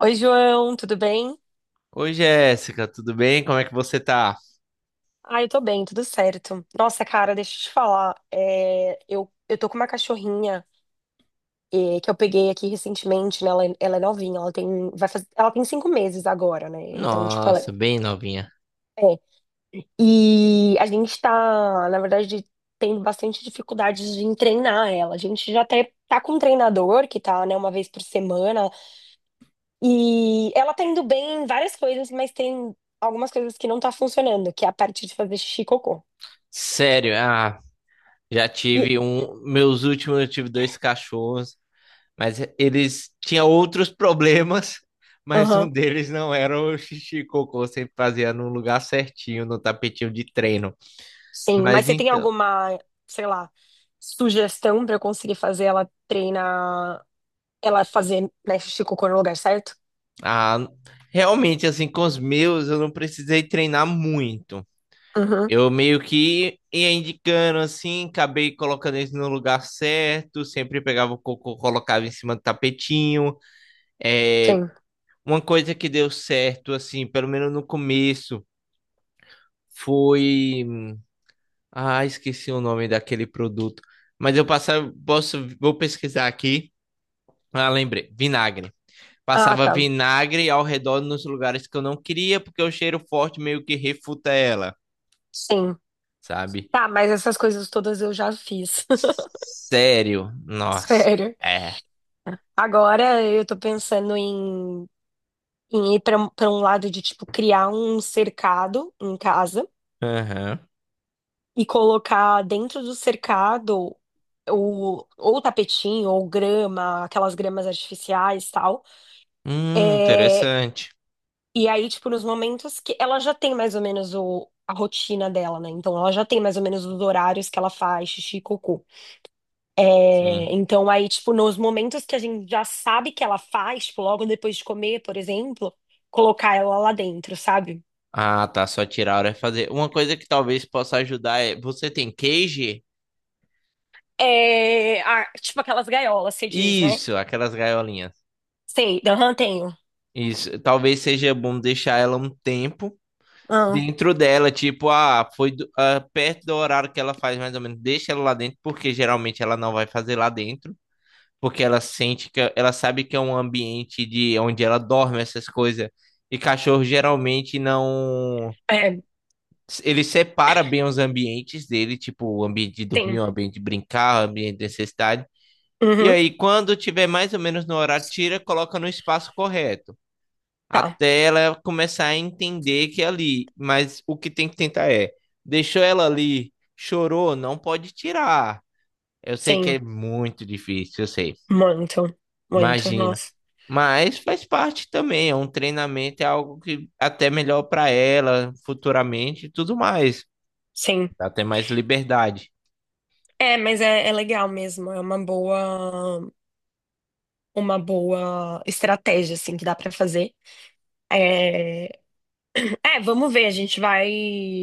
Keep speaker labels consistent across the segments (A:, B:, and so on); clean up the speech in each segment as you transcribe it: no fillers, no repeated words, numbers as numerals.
A: Oi, João, tudo bem?
B: Oi, Jéssica, tudo bem? Como é que você tá?
A: Ah, eu tô bem, tudo certo. Nossa, cara, deixa eu te falar. Eu tô com uma cachorrinha que eu peguei aqui recentemente, né? Ela é novinha, ela tem, vai fazer, ela tem 5 meses agora, né? Então, tipo, ela
B: Nossa, bem novinha.
A: é. E a gente tá, na verdade, tendo bastante dificuldades de treinar ela. A gente já até tá com um treinador que tá, né, uma vez por semana. E ela tá indo bem em várias coisas, mas tem algumas coisas que não tá funcionando, que é a parte de fazer xixi e cocô.
B: Sério, ah, já
A: E
B: tive um. Meus últimos, eu tive dois cachorros, mas eles tinham outros problemas, mas um
A: Aham,
B: deles não era o xixi e cocô, sempre fazia no lugar certinho, no tapetinho de treino.
A: sim. Mas
B: Mas
A: você tem
B: então,
A: alguma, sei lá, sugestão pra eu conseguir fazer ela treinar, ela fazer, né, xixi e cocô no lugar certo?
B: ah, realmente, assim, com os meus, eu não precisei treinar muito.
A: Uhum,
B: Eu meio que ia indicando assim, acabei colocando eles no lugar certo, sempre pegava o cocô, colocava em cima do tapetinho. É,
A: sim.
B: uma coisa que deu certo, assim, pelo menos no começo, foi. Ah, esqueci o nome daquele produto. Mas eu passava, posso, vou pesquisar aqui. Ah, lembrei, vinagre.
A: Ah,
B: Passava
A: tá.
B: vinagre ao redor nos lugares que eu não queria, porque o cheiro forte meio que refuta ela,
A: Sim.
B: sabe?
A: Tá, mas essas coisas todas eu já fiz.
B: Sério, nossa.
A: Sério.
B: É.
A: Agora eu tô pensando em ir pra um lado de, tipo, criar um cercado em casa
B: Aham.
A: e colocar dentro do cercado ou tapetinho, ou grama, aquelas gramas artificiais e tal. É,
B: Interessante.
A: e aí, tipo, nos momentos que ela já tem mais ou menos o, a rotina dela, né? Então, ela já tem mais ou menos os horários que ela faz xixi e cocô.
B: Sim.
A: É, então, aí, tipo, nos momentos que a gente já sabe que ela faz, tipo, logo depois de comer, por exemplo, colocar ela lá dentro, sabe?
B: Ah, tá. Só tirar a hora e fazer. Uma coisa que talvez possa ajudar é. Você tem cage?
A: É, ah, tipo aquelas gaiolas, você diz, né?
B: Isso, aquelas gaiolinhas.
A: Sei, aham, tenho.
B: Isso. Talvez seja bom deixar ela um tempo
A: Ah,
B: dentro dela. Tipo, ah, foi ah, perto do horário que ela faz mais ou menos. Deixa ela lá dentro, porque geralmente ela não vai fazer lá dentro. Porque ela sente que. Ela sabe que é um ambiente de onde ela dorme, essas coisas. E cachorro geralmente não.
A: é,
B: Ele separa bem os ambientes dele, tipo o ambiente de dormir,
A: tem.
B: o ambiente de brincar, o ambiente de necessidade. E
A: Uhum.
B: aí, quando tiver mais ou menos no horário, tira, coloca no espaço correto.
A: Tá,
B: Até ela começar a entender que é ali. Mas o que tem que tentar é: deixou ela ali, chorou, não pode tirar. Eu sei que
A: sim.
B: é muito difícil, eu sei.
A: Muito, muito,
B: Imagina.
A: nossa.
B: Mas faz parte também, é um treinamento, é algo que até melhor para ela futuramente e tudo mais.
A: Sim.
B: Dá até mais liberdade.
A: É, mas é legal mesmo. É uma uma boa estratégia, assim, que dá pra fazer. É, é, vamos ver. A gente vai,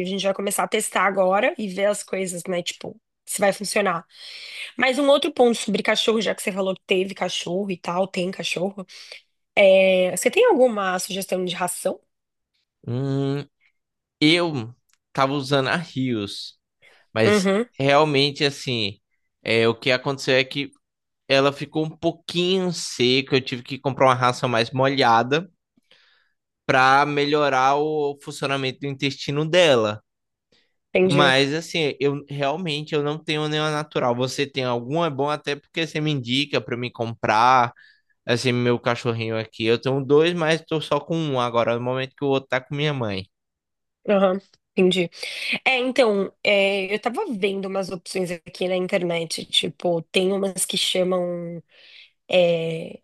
A: a gente vai começar a testar agora e ver as coisas, né? Tipo, se vai funcionar. Mas um outro ponto sobre cachorro, já que você falou que teve cachorro e tal, tem cachorro. É, você tem alguma sugestão de ração?
B: Hum, eu tava usando a Rios, mas
A: Uhum,
B: realmente assim, o que aconteceu é que ela ficou um pouquinho seca, eu tive que comprar uma ração mais molhada para melhorar o funcionamento do intestino dela.
A: entendi.
B: Mas assim, eu realmente eu não tenho nenhuma natural. Você tem alguma? É bom até porque você me indica para me comprar. Assim, meu cachorrinho aqui, eu tenho dois, mas tô só com um agora, no momento que o outro tá com minha mãe.
A: Aham, entendi. É, então, é, eu tava vendo umas opções aqui na internet, tipo, tem umas que chamam, é,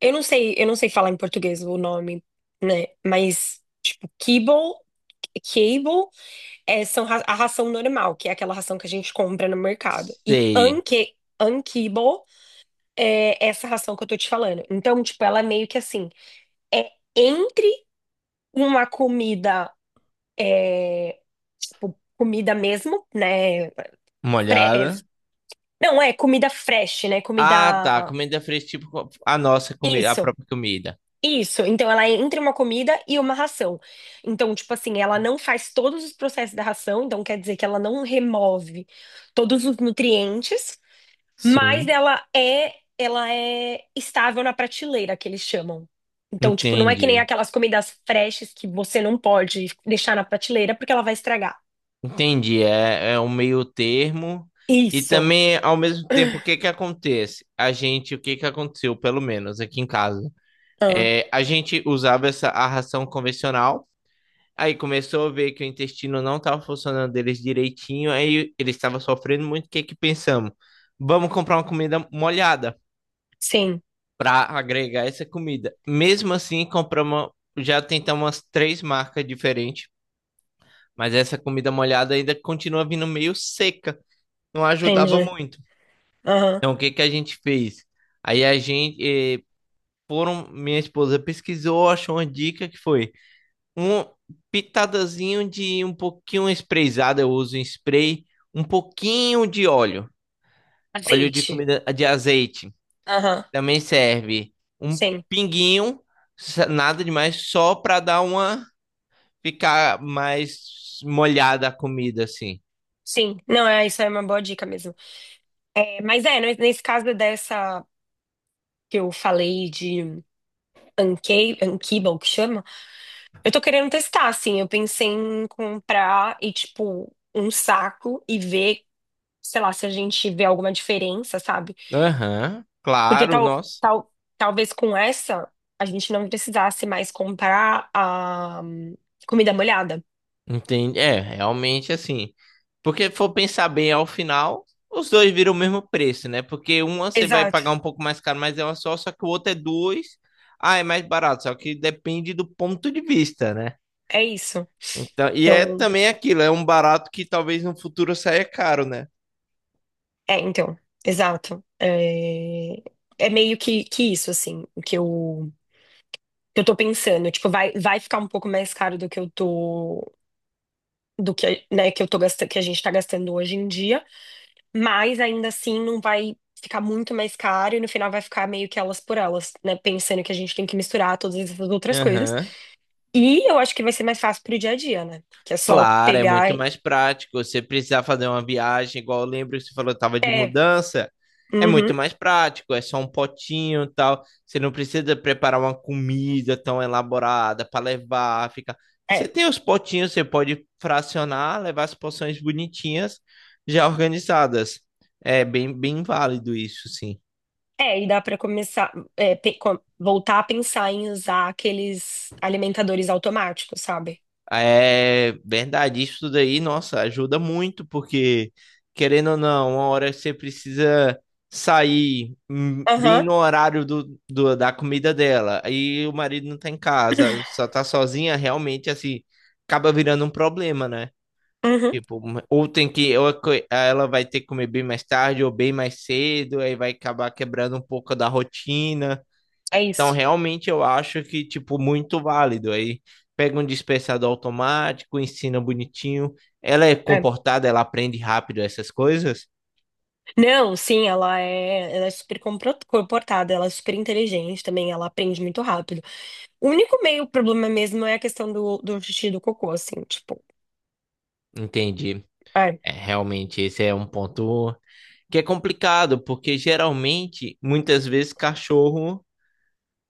A: eu não sei falar em português o nome, né, mas, tipo, kibble, é, são a ração normal, que é aquela ração que a gente compra no mercado, e
B: Sei,
A: unkibble é essa ração que eu tô te falando. Então, tipo, ela é meio que assim, é entre uma comida, tipo, comida mesmo, né.
B: molhada.
A: Não, é comida fresh, né?
B: Ah,
A: Comida.
B: tá. Comida fresca, tipo a nossa comida, a
A: Isso,
B: própria comida.
A: isso. Então, ela é entre uma comida e uma ração. Então, tipo assim, ela não faz todos os processos da ração, então quer dizer que ela não remove todos os nutrientes, mas
B: Sim,
A: ela é estável na prateleira, que eles chamam. Então, tipo, não é que nem
B: entendi.
A: aquelas comidas freshes que você não pode deixar na prateleira porque ela vai estragar.
B: Entendi. É, é um meio termo. E
A: Isso.
B: também, ao mesmo tempo, o que que acontece? A gente, o que que aconteceu, pelo menos aqui em casa?
A: Ah,
B: É, a gente usava essa a ração convencional. Aí começou a ver que o intestino não estava funcionando deles direitinho. Aí eles estavam sofrendo muito. O que que pensamos? Vamos comprar uma comida molhada.
A: sim,
B: Para agregar essa comida. Mesmo assim, compramos, já tentamos umas três marcas diferentes, mas essa comida molhada ainda continua vindo meio seca, não ajudava
A: entendi.
B: muito.
A: Aham.
B: Então, o que que a gente fez? Aí a gente, eh, foram, minha esposa pesquisou, achou uma dica que foi um pitadazinho de um pouquinho sprayzada, eu uso em spray, um pouquinho de óleo, óleo de
A: Azeite.
B: comida de azeite.
A: Aham,
B: Também serve um
A: sim.
B: pinguinho, nada demais, só pra dar uma ficar mais molhada a comida assim.
A: Sim, não, é, isso é uma boa dica mesmo. É, mas é, nesse caso dessa que eu falei de Ankiba, o que chama, eu tô querendo testar, assim, eu pensei em comprar e, tipo, um saco e ver, sei lá, se a gente vê alguma diferença, sabe?
B: Aham,
A: Porque
B: claro, nossa.
A: tal, talvez com essa a gente não precisasse mais comprar a comida molhada.
B: Entende? É, realmente assim. Porque se for pensar bem ao final, os dois viram o mesmo preço, né? Porque uma você vai
A: Exato,
B: pagar um pouco mais caro, mas é uma só, só que o outro é duas. Ah, é mais barato, só que depende do ponto de vista, né?
A: é isso.
B: Então, e é
A: Então.
B: também aquilo, é um barato que talvez no futuro saia caro, né?
A: É, então, exato. É, é meio que isso, assim, o que eu tô pensando. Tipo, vai ficar um pouco mais caro do que eu tô, do que, né, que eu tô gastando, que a gente tá gastando hoje em dia, mas ainda assim não vai ficar muito mais caro e no final vai ficar meio que elas por elas, né? Pensando que a gente tem que misturar todas essas outras coisas.
B: Aham.
A: E eu acho que vai ser mais fácil pro dia a dia, né? Que é só
B: Claro, é
A: pegar.
B: muito
A: E-
B: mais prático. Você precisar fazer uma viagem, igual eu lembro que você falou, tava de
A: É,
B: mudança. É
A: uhum,
B: muito mais prático, é só um potinho e tal. Você não precisa preparar uma comida tão elaborada para levar, fica. Você
A: é.
B: tem os potinhos, você pode fracionar, levar as porções bonitinhas, já organizadas. É bem, bem válido isso, sim.
A: É, e dá para começar, é, voltar a pensar em usar aqueles alimentadores automáticos, sabe?
B: É verdade, isso daí, nossa, ajuda muito, porque querendo ou não, uma hora você precisa sair bem
A: Aham,
B: no horário do, da comida dela, aí o marido não tá em casa, só tá sozinha, realmente, assim, acaba virando um problema, né?
A: uhum,
B: Tipo, um, ou tem que, ou a ela vai ter que comer bem mais tarde, ou bem mais cedo, aí vai acabar quebrando um pouco da rotina.
A: é
B: Então,
A: isso.
B: realmente, eu acho que, tipo, muito válido. Aí pega um dispensador automático, ensina bonitinho. Ela é
A: É.
B: comportada, ela aprende rápido essas coisas.
A: Não, sim, ela é super comportada, ela é super inteligente também, ela aprende muito rápido. O único meio problema mesmo é a questão do xixi e do cocô, assim, tipo,
B: Entendi.
A: é.
B: É, realmente, esse é um ponto que é complicado, porque geralmente, muitas vezes, cachorro,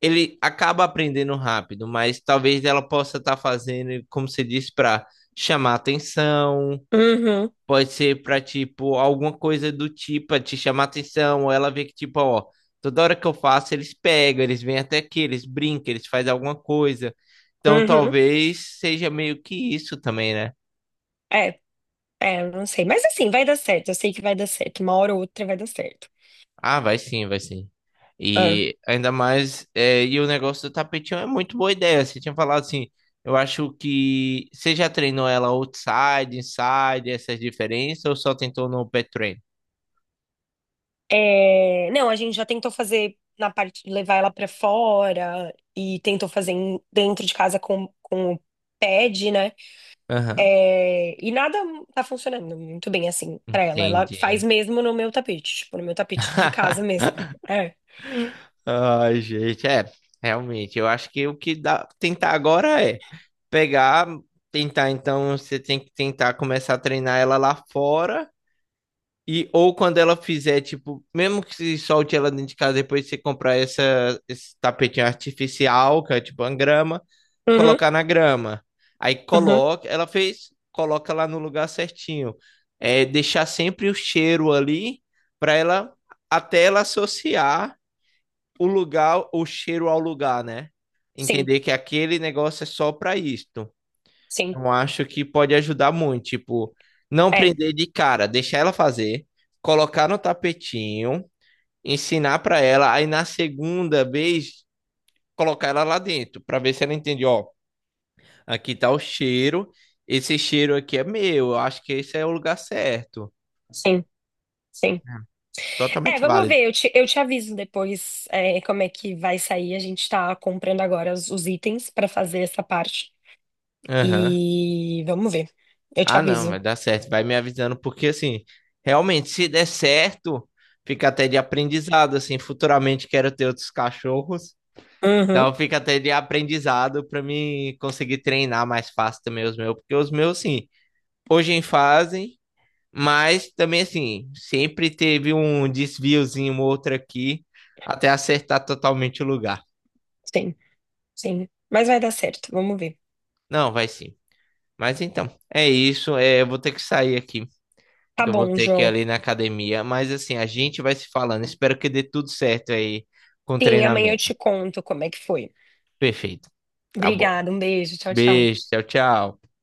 B: ele acaba aprendendo rápido, mas talvez ela possa estar fazendo, como você disse, para chamar atenção.
A: Uhum,
B: Pode ser pra, tipo, alguma coisa do tipo, pra te chamar atenção, ou ela vê que, tipo, ó, toda hora que eu faço, eles pegam, eles vêm até aqui, eles brincam, eles fazem alguma coisa. Então,
A: uhum,
B: talvez seja meio que isso também, né?
A: é, é, eu não sei. Mas assim, vai dar certo, eu sei que vai dar certo, uma hora ou outra vai dar certo.
B: Ah, vai sim, vai sim.
A: É.
B: E ainda mais, é, e o negócio do tapetinho é muito boa ideia. Você tinha falado assim, eu acho que você já treinou ela outside, inside, essas diferenças, ou só tentou no pet train?
A: É, não, a gente já tentou fazer na parte de levar ela pra fora e tentou fazer dentro de casa com o pad, né?
B: Aham,
A: É, e nada tá funcionando muito bem assim pra ela. Ela
B: entendi.
A: faz mesmo no meu tapete, tipo, no meu tapete de casa mesmo. É.
B: Ai, gente, é, realmente, eu acho que o que dá tentar agora é pegar, tentar, então você tem que tentar começar a treinar ela lá fora e ou quando ela fizer, tipo, mesmo que se solte ela dentro de casa, depois você comprar essa esse tapetinho artificial, que é tipo uma grama,
A: Uhum,
B: colocar na grama. Aí
A: uhum.
B: coloca, ela fez, coloca lá no lugar certinho. É deixar sempre o cheiro ali para ela até ela associar o lugar, o cheiro ao lugar, né?
A: Sim,
B: Entender que aquele negócio é só para isto.
A: sim.
B: Eu acho que pode ajudar muito. Tipo, não
A: É,
B: prender de cara, deixar ela fazer, colocar no tapetinho, ensinar para ela, aí na segunda vez colocar ela lá dentro, para ver se ela entende, ó, aqui tá o cheiro, esse cheiro aqui é meu, eu acho que esse é o lugar certo.
A: sim, sim. É,
B: Totalmente
A: vamos
B: válido.
A: ver, eu te aviso depois, é, como é que vai sair. A gente tá comprando agora os itens pra fazer essa parte.
B: Aham.
A: E vamos ver. Eu te
B: Ah, não,
A: aviso.
B: vai dar certo. Vai me avisando, porque assim, realmente, se der certo, fica até de aprendizado. Assim, futuramente quero ter outros cachorros.
A: Uhum,
B: Então fica até de aprendizado para mim conseguir treinar mais fácil também os meus, porque os meus, sim, hoje em fazem, mas também assim, sempre teve um desviozinho, um outro aqui, até acertar totalmente o lugar.
A: sim, sim. Mas vai dar certo, vamos ver.
B: Não, vai sim. Mas então, é isso. É, eu vou ter que sair aqui.
A: Tá
B: Que eu vou
A: bom,
B: ter que ir
A: João.
B: ali na academia. Mas assim, a gente vai se falando. Espero que dê tudo certo aí com o
A: Sim, amanhã eu
B: treinamento.
A: te conto como é que foi.
B: Perfeito. Tá bom.
A: Obrigada, um beijo. Tchau, tchau.
B: Beijo, tchau, tchau.